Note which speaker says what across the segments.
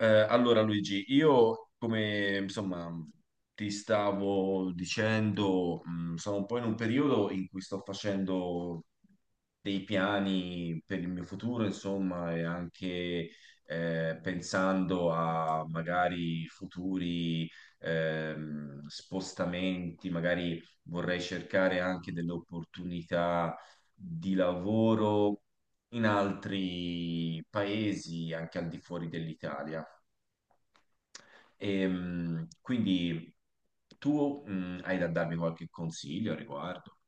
Speaker 1: Allora Luigi, io come insomma ti stavo dicendo, sono un po' in un periodo in cui sto facendo dei piani per il mio futuro, insomma, e anche pensando a magari futuri spostamenti, magari vorrei cercare anche delle opportunità di lavoro in altri paesi, anche al di fuori dell'Italia. Quindi tu hai da darmi qualche consiglio a riguardo?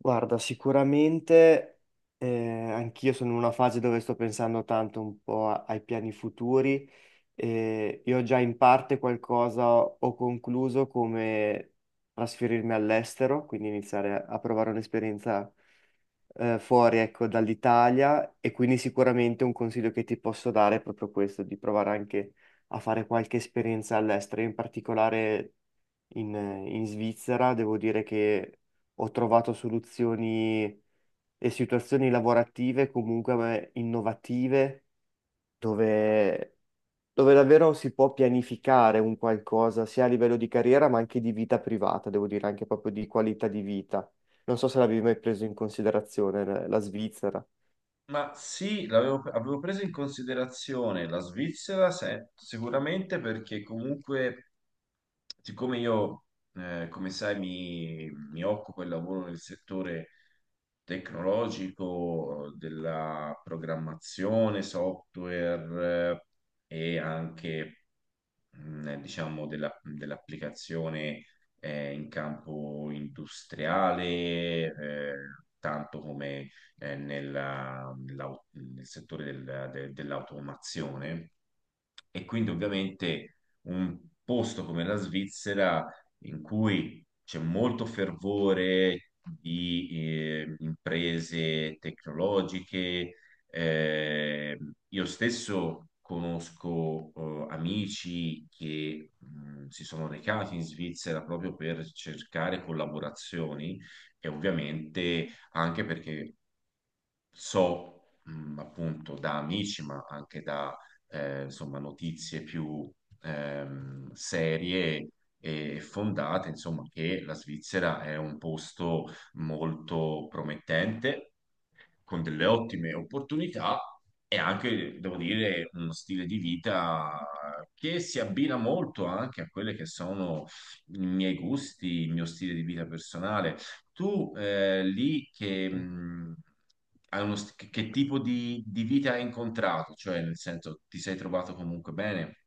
Speaker 2: Guarda, sicuramente anch'io sono in una fase dove sto pensando tanto un po' ai piani futuri e io già in parte qualcosa ho concluso come trasferirmi all'estero, quindi iniziare a provare un'esperienza fuori, ecco, dall'Italia e quindi sicuramente un consiglio che ti posso dare è proprio questo, di provare anche a fare qualche esperienza all'estero, in particolare in, in Svizzera, devo dire che ho trovato soluzioni e situazioni lavorative comunque innovative dove, dove davvero si può pianificare un qualcosa sia a livello di carriera ma anche di vita privata, devo dire anche proprio di qualità di vita. Non so se l'avevi mai preso in considerazione la Svizzera.
Speaker 1: Ma sì, avevo preso in considerazione la Svizzera sicuramente perché comunque, siccome io, come sai, mi occupo e lavoro nel settore tecnologico, della programmazione, software e anche diciamo, dell'applicazione in campo industriale, tanto come nel settore dell'automazione. E quindi ovviamente un posto come la Svizzera in cui c'è molto fervore di imprese tecnologiche, eh, io stesso conosco amici che si sono recati in Svizzera proprio per cercare collaborazioni e ovviamente anche perché so, appunto, da amici, ma anche da, insomma, notizie più serie e fondate, insomma, che la Svizzera è un posto molto promettente, con delle ottime opportunità e anche, devo dire, uno stile di vita che si abbina molto anche a quelle che sono i miei gusti, il mio stile di vita personale. Tu lì che,
Speaker 2: Sì.
Speaker 1: che tipo di vita hai incontrato? Cioè, nel senso, ti sei trovato comunque bene,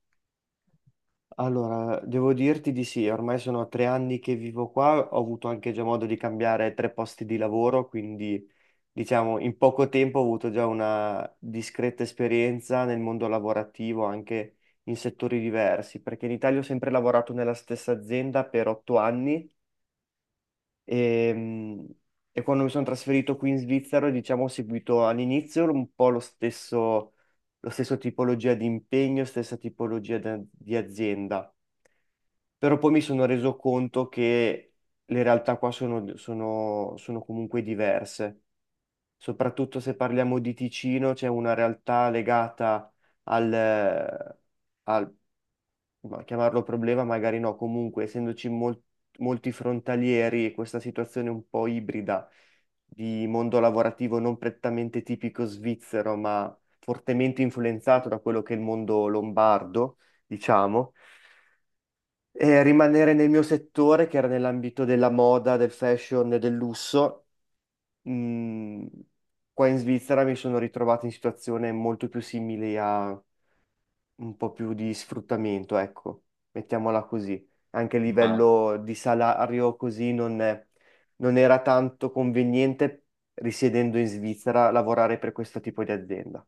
Speaker 2: Allora, devo dirti di sì, ormai sono 3 anni che vivo qua, ho avuto anche già modo di cambiare tre posti di lavoro, quindi diciamo, in poco tempo ho avuto già una discreta esperienza nel mondo lavorativo, anche in settori diversi, perché in Italia ho sempre lavorato nella stessa azienda per 8 anni e, mh, e quando mi sono trasferito qui in Svizzera, diciamo, ho seguito all'inizio un po' lo stesso tipologia di impegno, stessa tipologia di azienda, però poi mi sono reso conto che le realtà qua sono comunque diverse, soprattutto se parliamo di Ticino. C'è una realtà legata al, eh, al- ma chiamarlo problema, magari no, comunque essendoci molti frontalieri e questa situazione un po' ibrida di mondo lavorativo non prettamente tipico svizzero, ma fortemente influenzato da quello che è il mondo lombardo, diciamo. E rimanere nel mio settore, che era nell'ambito della moda, del fashion e del lusso, Mm, qua in Svizzera mi sono ritrovato in situazioni molto più simili a un po' più di sfruttamento, ecco, mettiamola così. Anche a
Speaker 1: ma
Speaker 2: livello di salario così non era tanto conveniente, risiedendo in Svizzera, lavorare per questo tipo di azienda.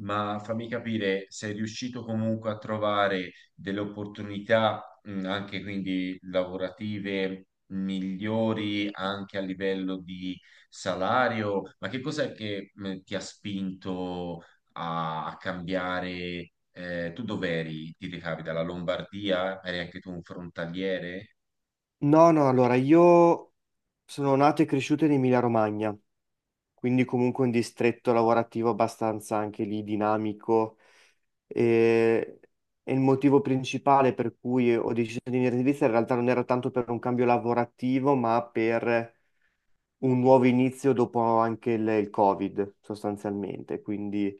Speaker 1: fammi capire, sei riuscito comunque a trovare delle opportunità, anche quindi lavorative migliori anche a livello di salario? Ma che cos'è che ti ha spinto a cambiare? Tu dov'eri? Ti recavi dalla Lombardia? Eri anche tu un frontaliere?
Speaker 2: No, no, allora io sono nato e cresciuto in Emilia-Romagna, quindi comunque un distretto lavorativo abbastanza anche lì dinamico. E, e il motivo principale per cui ho deciso di venire in Svizzera in realtà non era tanto per un cambio lavorativo, ma per un nuovo inizio dopo anche il Covid, sostanzialmente. Quindi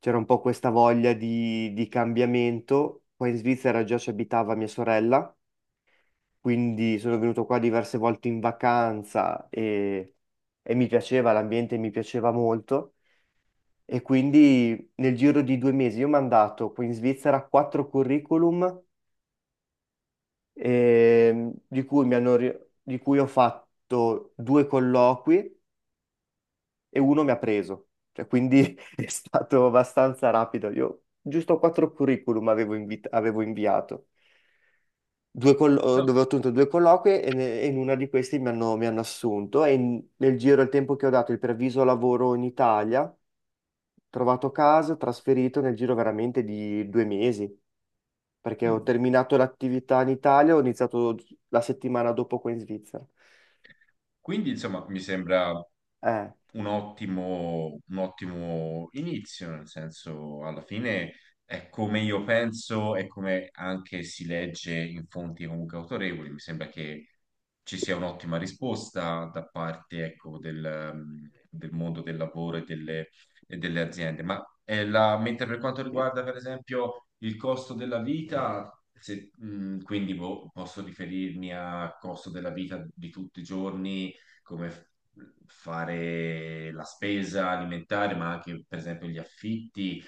Speaker 2: c'era un po' questa voglia di cambiamento. Poi in Svizzera già ci abitava mia sorella, quindi sono venuto qua diverse volte in vacanza e mi piaceva, l'ambiente mi piaceva molto. E quindi nel giro di 2 mesi io ho mandato qui in Svizzera quattro curriculum, di cui mi hanno ri- di cui ho fatto due colloqui e uno mi ha preso. Cioè, quindi è stato abbastanza rapido. Io giusto quattro curriculum avevo, avevo inviato. Due collo-
Speaker 1: No.
Speaker 2: dove ho ottenuto due colloqui e in una di questi mi hanno assunto. E nel giro del tempo che ho dato il preavviso lavoro in Italia, ho trovato casa, trasferito nel giro veramente di 2 mesi, perché ho
Speaker 1: Mm.
Speaker 2: terminato l'attività in Italia, ho iniziato la settimana dopo qua in Svizzera.
Speaker 1: Quindi, insomma, mi sembra
Speaker 2: Eh,
Speaker 1: un ottimo inizio, nel senso, alla fine è come io penso e come anche si legge in fonti comunque autorevoli. Mi sembra che ci sia un'ottima risposta da parte, ecco, del, del mondo del lavoro e delle aziende. Ma mentre per quanto
Speaker 2: sì.
Speaker 1: riguarda, per esempio, il costo della vita. Quindi boh, posso riferirmi al costo della vita di tutti i giorni, come fare la spesa alimentare, ma anche per esempio gli affitti.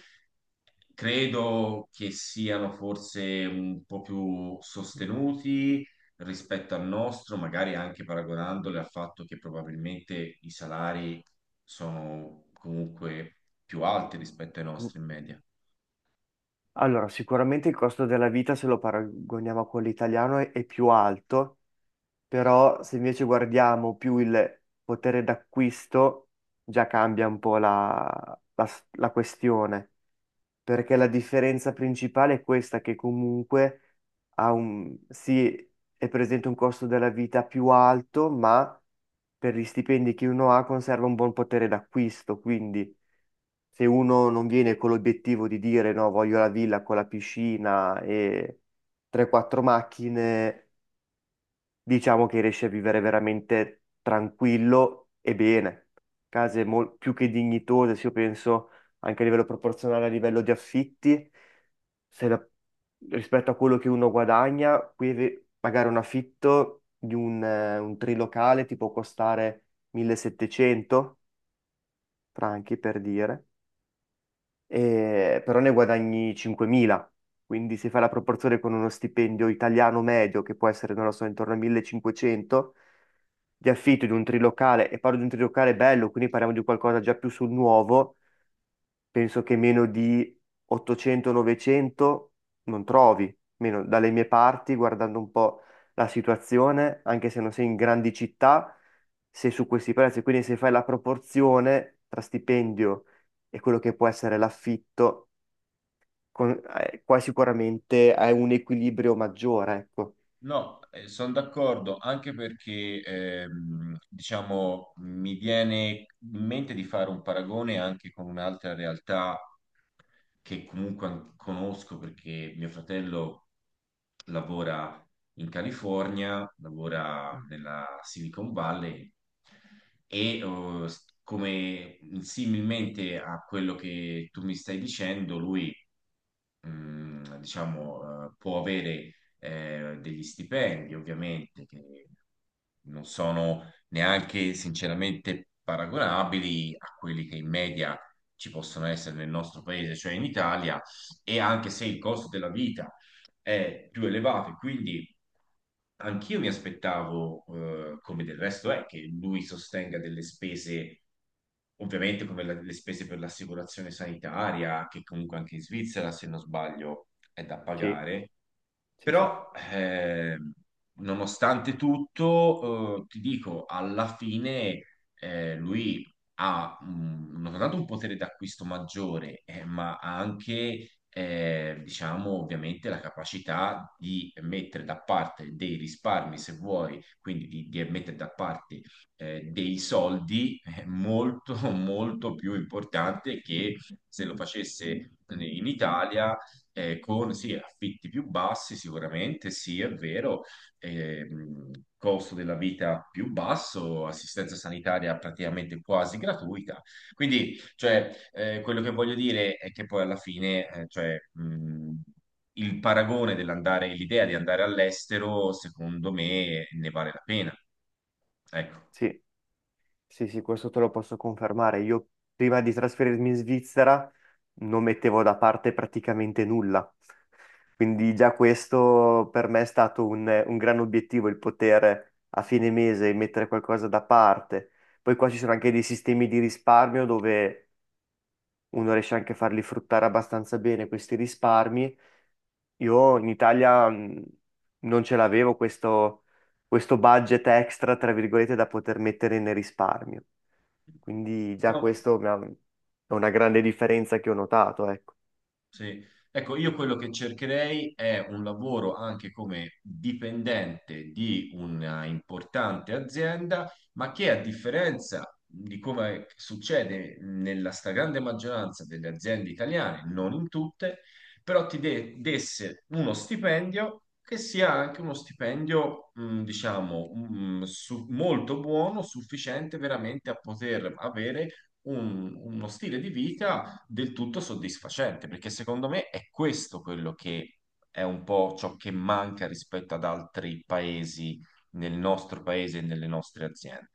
Speaker 1: Credo che siano forse un po' più sostenuti rispetto al nostro, magari anche paragonandole al fatto che probabilmente i salari sono comunque più alti rispetto ai
Speaker 2: Mm.
Speaker 1: nostri in media.
Speaker 2: Allora, sicuramente il costo della vita, se lo paragoniamo a quello italiano, è più alto, però se invece guardiamo più il potere d'acquisto, già cambia un po' la questione, perché la differenza principale è questa, che comunque ha un, sì, è presente un costo della vita più alto, ma per gli stipendi che uno ha conserva un buon potere d'acquisto, quindi se uno non viene con l'obiettivo di dire no, voglio la villa con la piscina e 3-4 macchine, diciamo che riesci a vivere veramente tranquillo e bene. Case più che dignitose, se io penso anche a livello proporzionale, a livello di affitti, se la- rispetto a quello che uno guadagna, qui magari un affitto di un trilocale ti può costare 1700 franchi per dire, però ne guadagni 5.000. Quindi se fai la proporzione con uno stipendio italiano medio, che può essere, non lo so, intorno a 1500, di affitto di un trilocale, e parlo di un trilocale bello, quindi parliamo di qualcosa già più sul nuovo, penso che meno di 800-900 non trovi, meno dalle mie parti, guardando un po' la situazione, anche se non sei in grandi città, sei su questi prezzi, quindi se fai la proporzione tra stipendio e quello che può essere l'affitto, qua sicuramente hai un equilibrio maggiore, ecco.
Speaker 1: No, sono d'accordo, anche perché diciamo mi viene in mente di fare un paragone anche con un'altra realtà che comunque conosco perché mio fratello lavora in California, lavora nella Silicon Valley e come similmente a quello che tu mi stai dicendo, lui diciamo, può avere degli stipendi, ovviamente, che non sono neanche sinceramente paragonabili a quelli che in media ci possono essere nel nostro paese, cioè in Italia, e anche se il costo della vita è più elevato e quindi anch'io mi aspettavo, come del resto è, che lui sostenga delle spese, ovviamente come le spese per l'assicurazione sanitaria, che comunque anche in Svizzera, se non sbaglio, è da
Speaker 2: Sì,
Speaker 1: pagare
Speaker 2: sì, sì,
Speaker 1: però, nonostante tutto, ti dico, alla fine lui ha non soltanto un potere d'acquisto maggiore, ma ha anche, diciamo, ovviamente la capacità di mettere da parte dei risparmi, se vuoi, quindi di mettere da parte dei soldi, è molto, molto più importante che se lo facesse in Italia con sì, affitti più bassi sicuramente, sì, è vero, ehm, costo della vita più basso, assistenza sanitaria praticamente quasi gratuita. Quindi, cioè, quello che voglio dire è che poi alla fine, cioè, il paragone dell'andare, l'idea di andare all'estero, secondo me, ne vale la pena. Ecco.
Speaker 2: sì. Sì, sì, questo te lo posso confermare. Io prima di trasferirmi in Svizzera non mettevo da parte praticamente nulla. Quindi già questo per me è stato un gran obiettivo, il poter a fine mese mettere qualcosa da parte. Poi qua ci sono anche dei sistemi di risparmio dove uno riesce anche a farli fruttare abbastanza bene questi risparmi. Io in Italia non ce l'avevo questo budget extra, tra virgolette, da poter mettere nel risparmio. Quindi già
Speaker 1: No.
Speaker 2: questo è una grande differenza che ho notato, ecco.
Speaker 1: Sì. Ecco, io quello che cercherei è un lavoro anche come dipendente di una importante azienda, ma che a differenza di come succede nella stragrande maggioranza delle aziende italiane, non in tutte, però desse uno stipendio che sia anche uno stipendio, diciamo, molto buono, sufficiente veramente a poter avere uno stile di vita del tutto soddisfacente, perché secondo me è questo quello che è un po' ciò che manca rispetto ad altri paesi nel nostro paese e nelle nostre aziende.